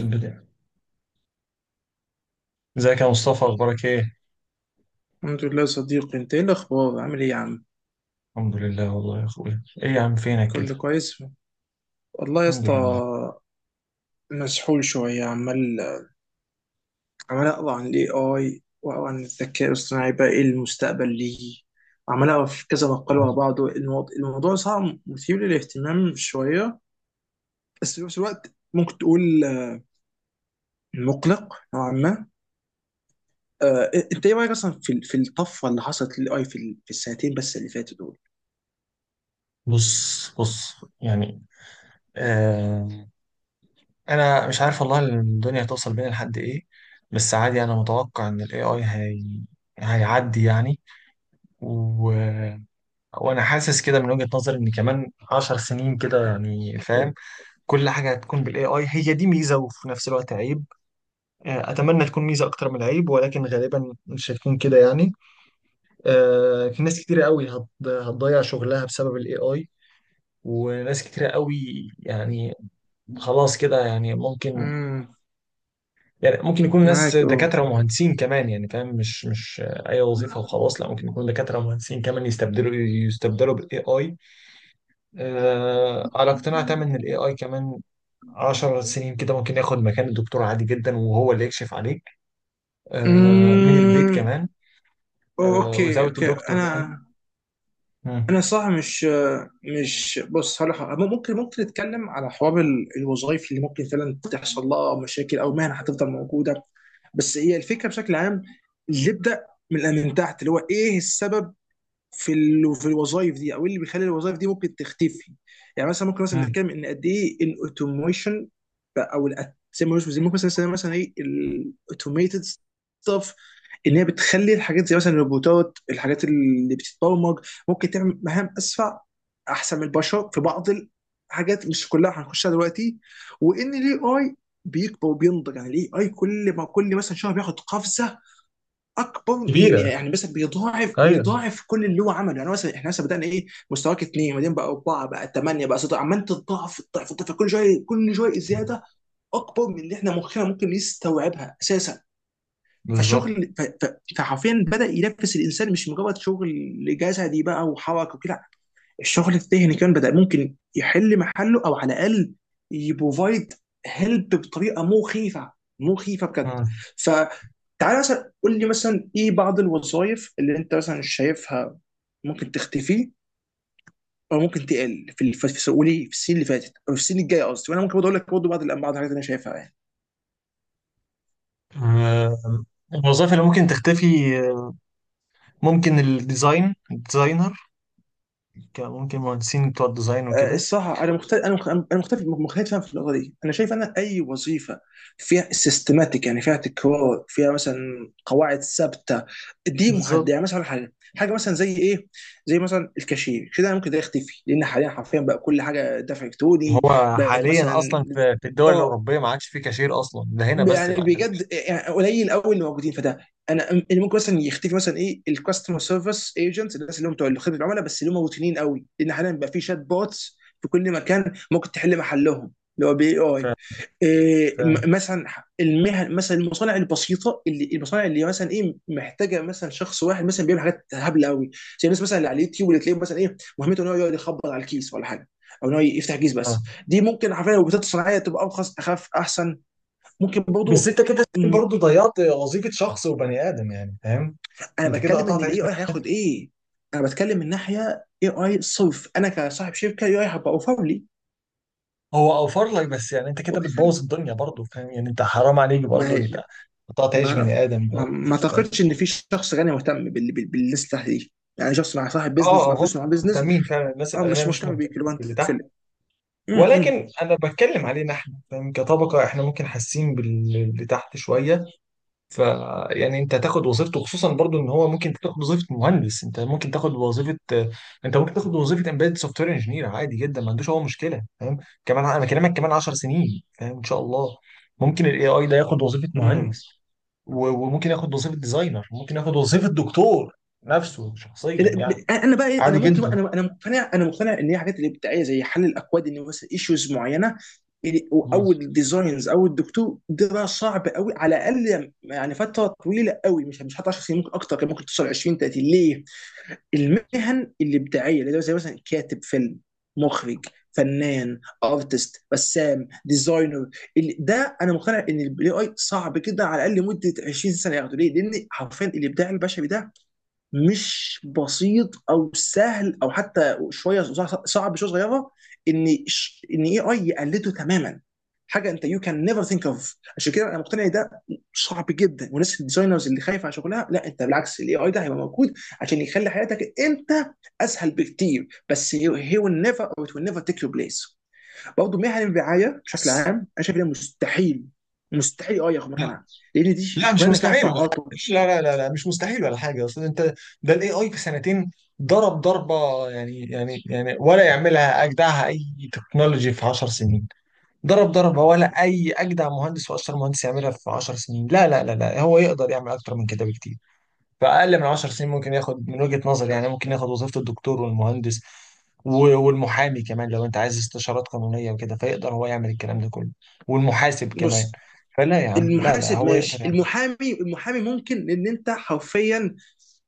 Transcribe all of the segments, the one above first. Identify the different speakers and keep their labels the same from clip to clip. Speaker 1: البداية. ازيك يا مصطفى؟ اخبارك ايه؟
Speaker 2: الحمد لله يا صديقي، انت ايه الاخبار، عامل ايه يا عم؟
Speaker 1: الحمد لله والله يا اخويا. ايه يا عم فينك كده؟
Speaker 2: كله كويس والله يا
Speaker 1: الحمد
Speaker 2: اسطى.
Speaker 1: لله.
Speaker 2: مسحول شويه، عمال اقرا عن الاي اي واقرا عن الذكاء الاصطناعي، بقى ايه المستقبل ليه؟ عمال اقرا في كذا مقال ورا بعض، الموضوع صعب، مثير للاهتمام شويه. بس في نفس الوقت ممكن تقول، مقلق نوعا ما. انت ايه رايك اصلا في الطفره اللي حصلت للاي، في السنتين بس اللي فاتوا دول؟
Speaker 1: بص. يعني آه، انا مش عارف والله الدنيا توصل بينا لحد ايه. بس عادي انا متوقع ان الاي اي هيعدي يعني. و... وانا حاسس كده من وجهة نظري ان كمان عشر سنين كده يعني فاهم، كل حاجة هتكون بالاي اي، هي دي ميزة وفي نفس الوقت عيب. آه، اتمنى تكون ميزة اكتر من عيب، ولكن غالبا مش هتكون كده يعني. آه، في ناس كتيرة قوي هتضيع شغلها بسبب الاي اي، وناس كتيرة قوي يعني خلاص كده يعني ممكن.
Speaker 2: امم.
Speaker 1: يعني ممكن يكون ناس
Speaker 2: معاك.
Speaker 1: دكاترة ومهندسين كمان، يعني فاهم، مش أي وظيفة وخلاص، لا ممكن يكون دكاترة ومهندسين كمان يستبدلوا بالاي اي. آه، على اقتناع تام إن الاي اي كمان 10 سنين كده ممكن ياخد مكان الدكتور عادي جدا، وهو اللي يكشف عليك. آه، من البيت
Speaker 2: اه.
Speaker 1: كمان.
Speaker 2: أوه،
Speaker 1: آه،
Speaker 2: اوكي،
Speaker 1: without a
Speaker 2: اوكي،
Speaker 1: doctor يعني.
Speaker 2: انا
Speaker 1: مم.
Speaker 2: انا صح، مش، بص هقول لك حاجة. ممكن نتكلم على حوار الوظائف اللي ممكن فعلا تحصل لها مشاكل، او مهنه هتفضل موجوده. بس هي الفكره بشكل عام، اللي نبدا من تحت، اللي هو ايه السبب في في الوظائف دي، او إيه اللي بيخلي الوظائف دي ممكن تختفي؟ يعني مثلا ممكن مثلا
Speaker 1: مم.
Speaker 2: نتكلم ان قد ايه الاوتوميشن، او زي ما زي ممكن مثلا نسميها مثلا ايه الاوتوميتد ستاف. ان هي بتخلي الحاجات زي مثلا الروبوتات، الحاجات اللي بتتبرمج ممكن تعمل مهام اسرع احسن من البشر في بعض الحاجات، مش كلها هنخشها دلوقتي. وان الاي اي بيكبر وبينضج، يعني الاي اي كل ما كل مثلا شهر بياخد قفزه اكبر. من
Speaker 1: كبيرة.
Speaker 2: يعني مثلا بيضاعف
Speaker 1: ايوه.
Speaker 2: بيضاعف كل اللي هو عمله، يعني مثلا احنا مثلا بدانا، ايه، مستواك اثنين، بعدين بقى اربعه، بقى ثمانيه، بقى سته، عمال تضاعف تضاعف تضاعف، كل شويه كل شويه زياده اكبر من اللي احنا مخنا ممكن يستوعبها اساسا.
Speaker 1: بالظبط.
Speaker 2: فالشغل، فحرفيا بدا ينفس الانسان، مش مجرد شغل جسدي بقى وحركه وكده. الشغل الذهني كمان بدأ ممكن يحل محله، او على الاقل يبروفايد هيلب بطريقه مخيفه، مخيفه بجد.
Speaker 1: مم.
Speaker 2: فتعالى مثلا قول لي، مثلا ايه بعض الوظائف اللي انت مثلا شايفها ممكن تختفي، او ممكن تقل في، قولي، في السنين اللي فاتت، او في السنين الجايه قصدي. وانا ممكن برضه اقول لك برضه بعض الحاجات اللي انا شايفها يعني.
Speaker 1: آه، الوظائف اللي ممكن تختفي، آه، ممكن الديزاين، الديزاينر، ممكن مهندسين بتوع الديزاين وكده.
Speaker 2: الصراحه، انا مختلف في النقطه دي. انا شايف، اي وظيفه فيها سيستماتيك، يعني فيها تكرار، فيها مثلا قواعد ثابته، دي مهدئه.
Speaker 1: بالظبط.
Speaker 2: يعني مثلا حاجه مثلا زي ايه؟ زي مثلا الكاشير كده، أنا ممكن ده يختفي، لان حاليا حرفيا بقى كل حاجه دفع الكتروني
Speaker 1: هو
Speaker 2: بقت
Speaker 1: حاليا
Speaker 2: مثلا.
Speaker 1: اصلا في الدول
Speaker 2: اه
Speaker 1: الاوروبيه ما عادش في كاشير اصلا، ده هنا بس
Speaker 2: يعني
Speaker 1: اللي عندنا كاشير.
Speaker 2: بجد، يعني قليل قوي اللي موجودين، فده انا اللي ممكن مثلا يختفي، مثلا ايه الكاستمر سيرفيس ايجنت، الناس اللي هم بتوع خدمه العملاء، بس اللي هم روتينيين قوي، لان حاليا بقى في شات بوتس في كل مكان ممكن تحل محلهم، اللي هو بي
Speaker 1: ف...
Speaker 2: اي. إيه،
Speaker 1: ف...
Speaker 2: مثلا المهن، مثلا المصانع البسيطه، اللي المصانع اللي مثلا ايه محتاجه مثلا شخص واحد مثلا بيعمل حاجات هبله قوي، زي الناس مثلا اللي على اليوتيوب، اللي تلاقيه مثلا ايه مهمته ان هو يقعد يخبط على الكيس ولا حاجه، او ان هو يفتح كيس. بس
Speaker 1: آه.
Speaker 2: دي ممكن حرفيا لو بتاعت الصناعيه تبقى ارخص اخف احسن، ممكن
Speaker 1: بس
Speaker 2: برضو.
Speaker 1: انت كده
Speaker 2: م،
Speaker 1: برضه ضيعت وظيفه شخص وبني ادم، يعني فاهم.
Speaker 2: انا
Speaker 1: انت كده
Speaker 2: بتكلم ان
Speaker 1: قطعت عيش
Speaker 2: الاي
Speaker 1: بني-
Speaker 2: اي هياخد ايه. انا بتكلم من ناحيه اي اي صرف، انا كصاحب شركه اي اي هبقى اوفر لي.
Speaker 1: هو اوفر لك، بس يعني انت كده بتبوظ الدنيا برضه، فاهم يعني؟ انت حرام عليك
Speaker 2: ما
Speaker 1: برضه،
Speaker 2: هي،
Speaker 1: انت قطعت عيش
Speaker 2: ما انا
Speaker 1: بني ادم
Speaker 2: ما,
Speaker 1: برضه.
Speaker 2: ما اعتقدش ان في شخص غني مهتم بالليسته دي. يعني شخص مع صاحب
Speaker 1: اه.
Speaker 2: بيزنس، مع
Speaker 1: آه، هم
Speaker 2: فلوس، مع بيزنس.
Speaker 1: مهتمين فعلا، الناس
Speaker 2: اه. مش
Speaker 1: الاغنياء مش
Speaker 2: مهتم بيك
Speaker 1: مهتمين
Speaker 2: اللي هو انت
Speaker 1: باللي تحت.
Speaker 2: تتفلق.
Speaker 1: ولكن انا بتكلم علينا احنا، فاهم؟ كطبقه احنا ممكن حاسين باللي تحت شويه. ف يعني انت تاخد وظيفته، خصوصا برضو ان هو ممكن تاخد وظيفه مهندس، انت ممكن تاخد وظيفه، انت ممكن تاخد وظيفه امبيد سوفت وير انجينير عادي جدا، ما عندوش هو مشكله، فاهم. كمان انا بكلمك كمان 10 سنين، فاهم، ان شاء الله ممكن الاي اي ده ياخد وظيفه
Speaker 2: امم.
Speaker 1: مهندس، وممكن ياخد وظيفه ديزاينر، ممكن ياخد وظيفه دكتور نفسه شخصيا يعني.
Speaker 2: انا بقى إيه، انا
Speaker 1: عادي
Speaker 2: ممكن بقى
Speaker 1: جدا.
Speaker 2: انا انا مقتنع، ان هي حاجات الابداعيه زي حل الاكواد، ان مثلا ايشوز معينه، او الديزاينز، او الدكتور، ده بقى صعب قوي، على الاقل يعني فتره طويله قوي، مش حتى 10 سنين، ممكن اكتر، كان ممكن توصل 20 30 ليه؟ المهن الابداعيه اللي هو زي مثلا، كاتب فيلم، مخرج، فنان، ارتست، رسام، ديزاينر، ده انا مقتنع ان الاي اي صعب جدا، على الاقل مده 20 سنه ياخده ليه؟ لان حرفيا الابداع البشري ده مش بسيط او سهل، او حتى شويه صعب شويه صغيره ان اي اي يقلده تماما. حاجه انت يو كان نيفر ثينك اوف. عشان كده انا مقتنع إن ده صعب جدا. والناس الديزاينرز اللي خايفه على شغلها، لا، انت بالعكس، الاي اي ده هيبقى موجود عشان يخلي حياتك انت اسهل بكتير، بس هي ويل نيفر، او ات ويل نيفر تيك يور بليس. برضه مهن الرعايه بشكل
Speaker 1: بص،
Speaker 2: عام، انا شايف ان هي مستحيل، مستحيل اي ياخد
Speaker 1: لا
Speaker 2: مكانها، لان دي
Speaker 1: لا، مش
Speaker 2: شغلانه فيها
Speaker 1: مستحيل ولا حاجه،
Speaker 2: تعاطف.
Speaker 1: لا لا لا لا، مش مستحيل ولا حاجه. اصل انت، ده الاي اي في سنتين ضرب ضربه، يعني يعني ولا يعملها اجدعها اي تكنولوجي في 10 سنين. ضرب ضربه ولا اي اجدع مهندس واشطر مهندس يعملها في 10 سنين، لا لا لا لا، هو يقدر يعمل اكتر من كده بكتير. فأقل من 10 سنين ممكن ياخد من وجهة نظري، يعني ممكن ياخد وظيفة الدكتور والمهندس، والمحامي كمان لو أنت عايز استشارات قانونية وكده، فيقدر هو يعمل الكلام ده كله. والمحاسب كمان.
Speaker 2: بص.
Speaker 1: فلا يا عم، لا لا،
Speaker 2: المحاسب
Speaker 1: هو يقدر
Speaker 2: ماشي،
Speaker 1: يعمل.
Speaker 2: المحامي، ممكن ان انت حرفيا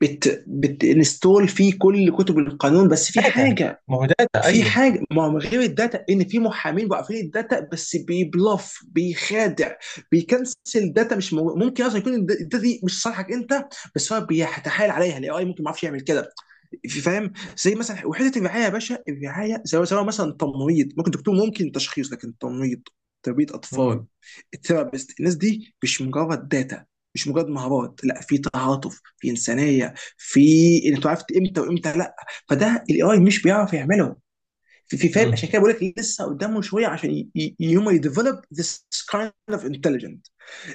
Speaker 2: بتنستول فيه كل كتب القانون، بس في
Speaker 1: داتا.
Speaker 2: حاجه.
Speaker 1: ما هو داتا
Speaker 2: في
Speaker 1: أيوه.
Speaker 2: حاجه، ما هو من غير الداتا، ان في محامين واقفين الداتا، بس بيبلف، بيخادع، بيكنسل داتا. مش ممكن اصلا يكون الداتا دي مش صالحك انت، بس هو بيتحايل عليها. الاي اي ممكن ما يعرفش يعمل كده. فاهم؟ زي مثلا وحده الرعايه يا باشا. الرعايه سواء سواء مثلا تمريض، ممكن دكتور، ممكن تشخيص، لكن تمريض، تربيه
Speaker 1: مم.
Speaker 2: اطفال، الثيرابيست، الناس دي مش مجرد داتا، مش مجرد مهارات، لا، في تعاطف، في انسانيه، في انك عرفت امتى وامتى لا. فده الاي اي مش بيعرف يعمله في فاهم؟ عشان
Speaker 1: مم.
Speaker 2: كده بقول لك لسه قدامه شويه، عشان يوم يديفلوب ذس كايند اوف انتليجنت.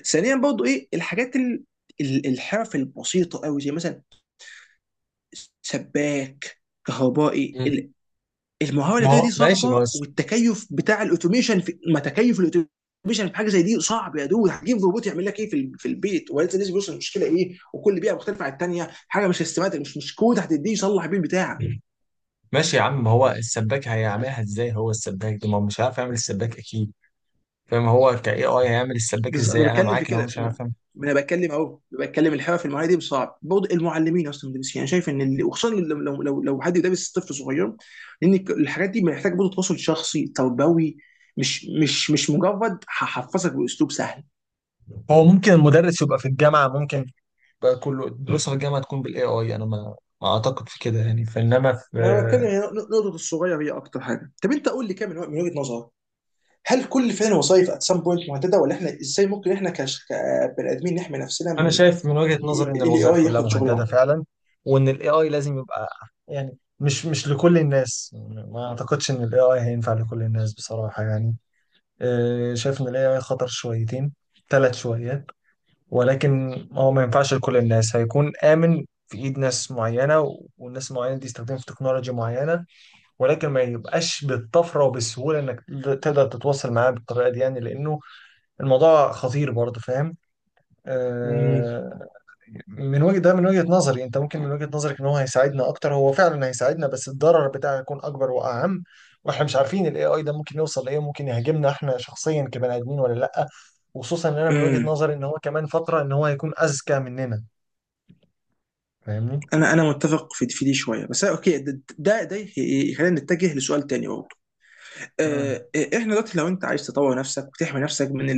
Speaker 2: ثانيا برضو ايه الحاجات، الحرف البسيطه قوي، زي مثلا سباك، كهربائي،
Speaker 1: مم.
Speaker 2: المهاره
Speaker 1: ما
Speaker 2: اليدويه
Speaker 1: هو
Speaker 2: دي
Speaker 1: ماشي، ما هو
Speaker 2: صعبه،
Speaker 1: الس-
Speaker 2: والتكيف بتاع الاوتوميشن في، ما تكيف الاوتوميشن في حاجه زي دي صعب يا دود. هتجيب روبوت يعمل لك ايه، في البيت، ولسه بيوصل المشكله ايه، وكل بيئه مختلفه عن الثانيه، حاجه مش سيستماتيك، مش كود هتديه يصلح بيه البتاع.
Speaker 1: ماشي يا عم، ما هو السباك هيعملها ازاي؟ هو السباك ده ما هو مش عارف يعمل السباك اكيد، فاهم. هو كاي اي هيعمل السباك
Speaker 2: بالظبط، ما
Speaker 1: ازاي؟ انا
Speaker 2: بتكلم في
Speaker 1: معاك ان هو
Speaker 2: كده،
Speaker 1: مش
Speaker 2: ما
Speaker 1: عارف يعمل.
Speaker 2: ما انا بتكلم اهو، بتكلم الحرف في المعاهده دي صعب برضه. المعلمين، اصلا المدرسين، انا شايف ان اللي، وخصوصا لو حد يدرس طفل صغير، لان الحاجات دي محتاج برضه تواصل شخصي تربوي، مش مجرد هحفظك باسلوب سهل.
Speaker 1: هو ممكن المدرس يبقى في الجامعه، ممكن بقى كله دروس الجامعه تكون بالاي اي، انا ما ما اعتقد في كده يعني، فانما
Speaker 2: انا بتكلم
Speaker 1: في.
Speaker 2: هي نقطه الصغير هي اكتر حاجه. طب انت قول لي كده، من وجهه نظرك، هل كل فعل وظائف ات سام بوينت مهدده؟ ولا احنا ازاي ممكن احنا كبني ادمين نحمي نفسنا
Speaker 1: انا
Speaker 2: من
Speaker 1: شايف من وجهه نظري ان
Speaker 2: الاي
Speaker 1: الوظائف
Speaker 2: اي
Speaker 1: كلها
Speaker 2: ياخد
Speaker 1: مهدده
Speaker 2: شغلنا؟
Speaker 1: فعلا، وان الاي اي لازم يبقى يعني مش لكل الناس. ما اعتقدش ان الاي اي هينفع لكل الناس بصراحه يعني. آه، شايف ان الاي اي خطر شويتين ثلاث شويات. ولكن هو ما ينفعش لكل الناس، هيكون امن في ايد ناس معينه، والناس المعينه دي يستخدموا في تكنولوجيا معينه. ولكن ما يبقاش بالطفره وبالسهوله انك تقدر تتواصل معاه بالطريقه دي يعني، لانه الموضوع خطير برضه، فاهم. آه، من وجهه ده، من وجهه نظري انت ممكن من وجهه نظرك ان هو هيساعدنا اكتر، هو فعلا هيساعدنا بس الضرر بتاعه هيكون اكبر واعم. واحنا مش عارفين الاي اي ده ممكن يوصل لايه، ممكن يهاجمنا احنا شخصيا كبني ادمين ولا لا. وخصوصا ان انا من وجهه
Speaker 2: امم.
Speaker 1: نظري ان هو كمان فتره ان هو هيكون اذكى مننا. فاهمني؟
Speaker 2: انا متفق في دي شويه. بس اوكي، ده يخلينا نتجه لسؤال تاني برضه.
Speaker 1: مم.
Speaker 2: احنا دلوقتي، لو انت عايز تطور نفسك وتحمي نفسك من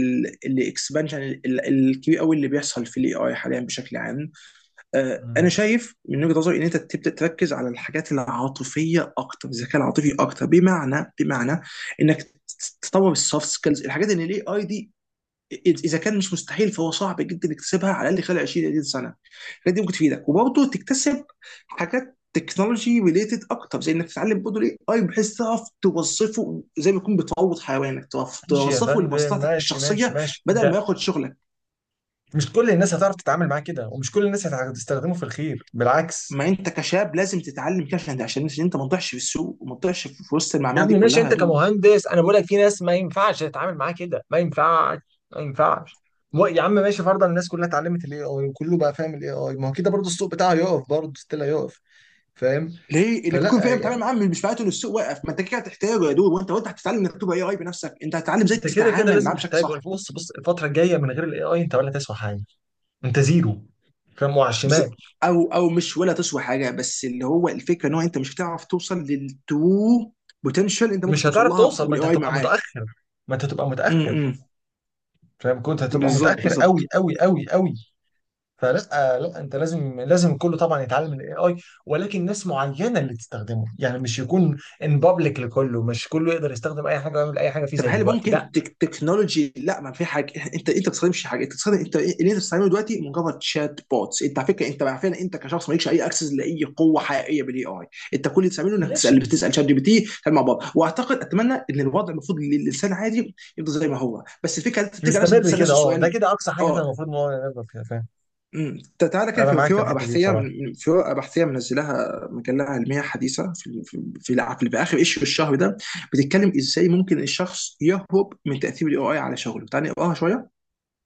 Speaker 2: الاكسبانشن الكبير قوي اللي بيحصل في الاي اي حاليا بشكل عام. انا
Speaker 1: مم.
Speaker 2: شايف من وجهه نظري ان انت تبدا تركز على الحاجات العاطفيه اكتر، الذكاء العاطفي اكتر، بمعنى انك تطور السوفت سكيلز. الحاجات اللي الاي اي دي اذا كان مش مستحيل فهو صعب جدا تكتسبها، على الاقل خلال 20 30 سنه. الحاجات دي ممكن تفيدك، وبرضه تكتسب حاجات تكنولوجي ريليتد اكتر، زي انك تتعلم برضه الاي اي بحيث تعرف توظفه، زي ما يكون بتروض حيوانك تعرف
Speaker 1: ماشي يا
Speaker 2: توظفه
Speaker 1: فندم،
Speaker 2: لمصلحتك
Speaker 1: ماشي ماشي
Speaker 2: الشخصيه،
Speaker 1: ماشي.
Speaker 2: بدل ما
Speaker 1: ده
Speaker 2: ياخد شغلك.
Speaker 1: مش كل الناس هتعرف تتعامل معاه كده، ومش كل الناس هتستخدمه في الخير، بالعكس.
Speaker 2: ما انت كشاب لازم تتعلم كده، عشان انت ما تضيعش في السوق، وما تضيعش في وسط
Speaker 1: يا
Speaker 2: المعمعه دي
Speaker 1: ابني ماشي،
Speaker 2: كلها يا
Speaker 1: انت
Speaker 2: دود.
Speaker 1: كمهندس انا بقول لك في ناس ما ينفعش تتعامل معاها كده، ما ينفعش ما ينفعش. يا عم ماشي، فرضا الناس كلها اتعلمت الاي اي وكله بقى فاهم الاي اي، ما هو كده برضه السوق بتاعه يقف برضه، ستيل هيقف. فاهم.
Speaker 2: ليه انك تكون
Speaker 1: فلا
Speaker 2: فاهم تتعامل
Speaker 1: يعني،
Speaker 2: معاه مش معناته ان السوق واقف. ما انت كده هتحتاجه يا دود، وانت هتتعلم انك تبقى اي اي بنفسك، انت هتتعلم ازاي
Speaker 1: انت كده كده
Speaker 2: تتعامل
Speaker 1: لازم
Speaker 2: معاه بشكل
Speaker 1: تحتاج،
Speaker 2: صح.
Speaker 1: بص، الفتره الجايه من غير الاي اي انت ولا تسوى حاجه، انت زيرو، فاهم، وعلى الشمال.
Speaker 2: بس، او مش ولا تسوى حاجه، بس اللي هو الفكره ان هو انت مش بتعرف توصل للترو بوتنشال انت ممكن
Speaker 1: مش
Speaker 2: توصل
Speaker 1: هتعرف
Speaker 2: لها
Speaker 1: توصل، ما انت
Speaker 2: والاي اي
Speaker 1: هتبقى
Speaker 2: معاك.
Speaker 1: متاخر ما انت هتبقى متاخر
Speaker 2: امم.
Speaker 1: فاهم، كنت هتبقى
Speaker 2: بالظبط،
Speaker 1: متاخر
Speaker 2: بالظبط.
Speaker 1: قوي قوي قوي قوي. فلا، لا انت لازم لازم الكل طبعا يتعلم الاي اي، ولكن ناس معينه اللي تستخدمه، يعني مش يكون ان بابليك لكله، مش كله يقدر يستخدم اي حاجه ويعمل اي حاجه فيه
Speaker 2: طب
Speaker 1: زي
Speaker 2: هل
Speaker 1: دلوقتي،
Speaker 2: ممكن
Speaker 1: لا.
Speaker 2: تكنولوجي؟ لا، ما في حاجه، انت ما بتستخدمش حاجه، انت بتستخدم، انت اللي انت بتستخدمه دلوقتي مجرد شات بوتس. انت على فكره، انت عارفين، انت كشخص مالكش اي اكسس لاي قوه حقيقيه بالاي اي. انت كل اللي بتعمله، انك
Speaker 1: ماشي،
Speaker 2: بتسال شات جي بي تي، تعمل مع بعض. واعتقد اتمنى ان الوضع المفروض للانسان عادي يفضل زي ما هو، بس الفكره انت بتيجي على نفسك
Speaker 1: يستمر
Speaker 2: بتسال نفس
Speaker 1: كده، اه، ده
Speaker 2: السؤال.
Speaker 1: كده اقصى حاجه احنا
Speaker 2: اه.
Speaker 1: المفروض ان هو نقدر فيها، فاهم.
Speaker 2: امم. تعالى كده
Speaker 1: انا
Speaker 2: في
Speaker 1: معاك
Speaker 2: في
Speaker 1: في
Speaker 2: ورقه
Speaker 1: الحته دي
Speaker 2: بحثيه،
Speaker 1: بصراحه.
Speaker 2: في ورقه بحثيه منزلاها مجله علميه حديثه، في اخر ايشيو الشهر ده، بتتكلم ازاي ممكن الشخص يهرب من تاثير الاي اي على شغله، تعالى نقراها شويه.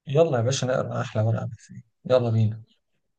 Speaker 1: يلا يا باشا، نقرا احلى ورقه فيه، يلا بينا.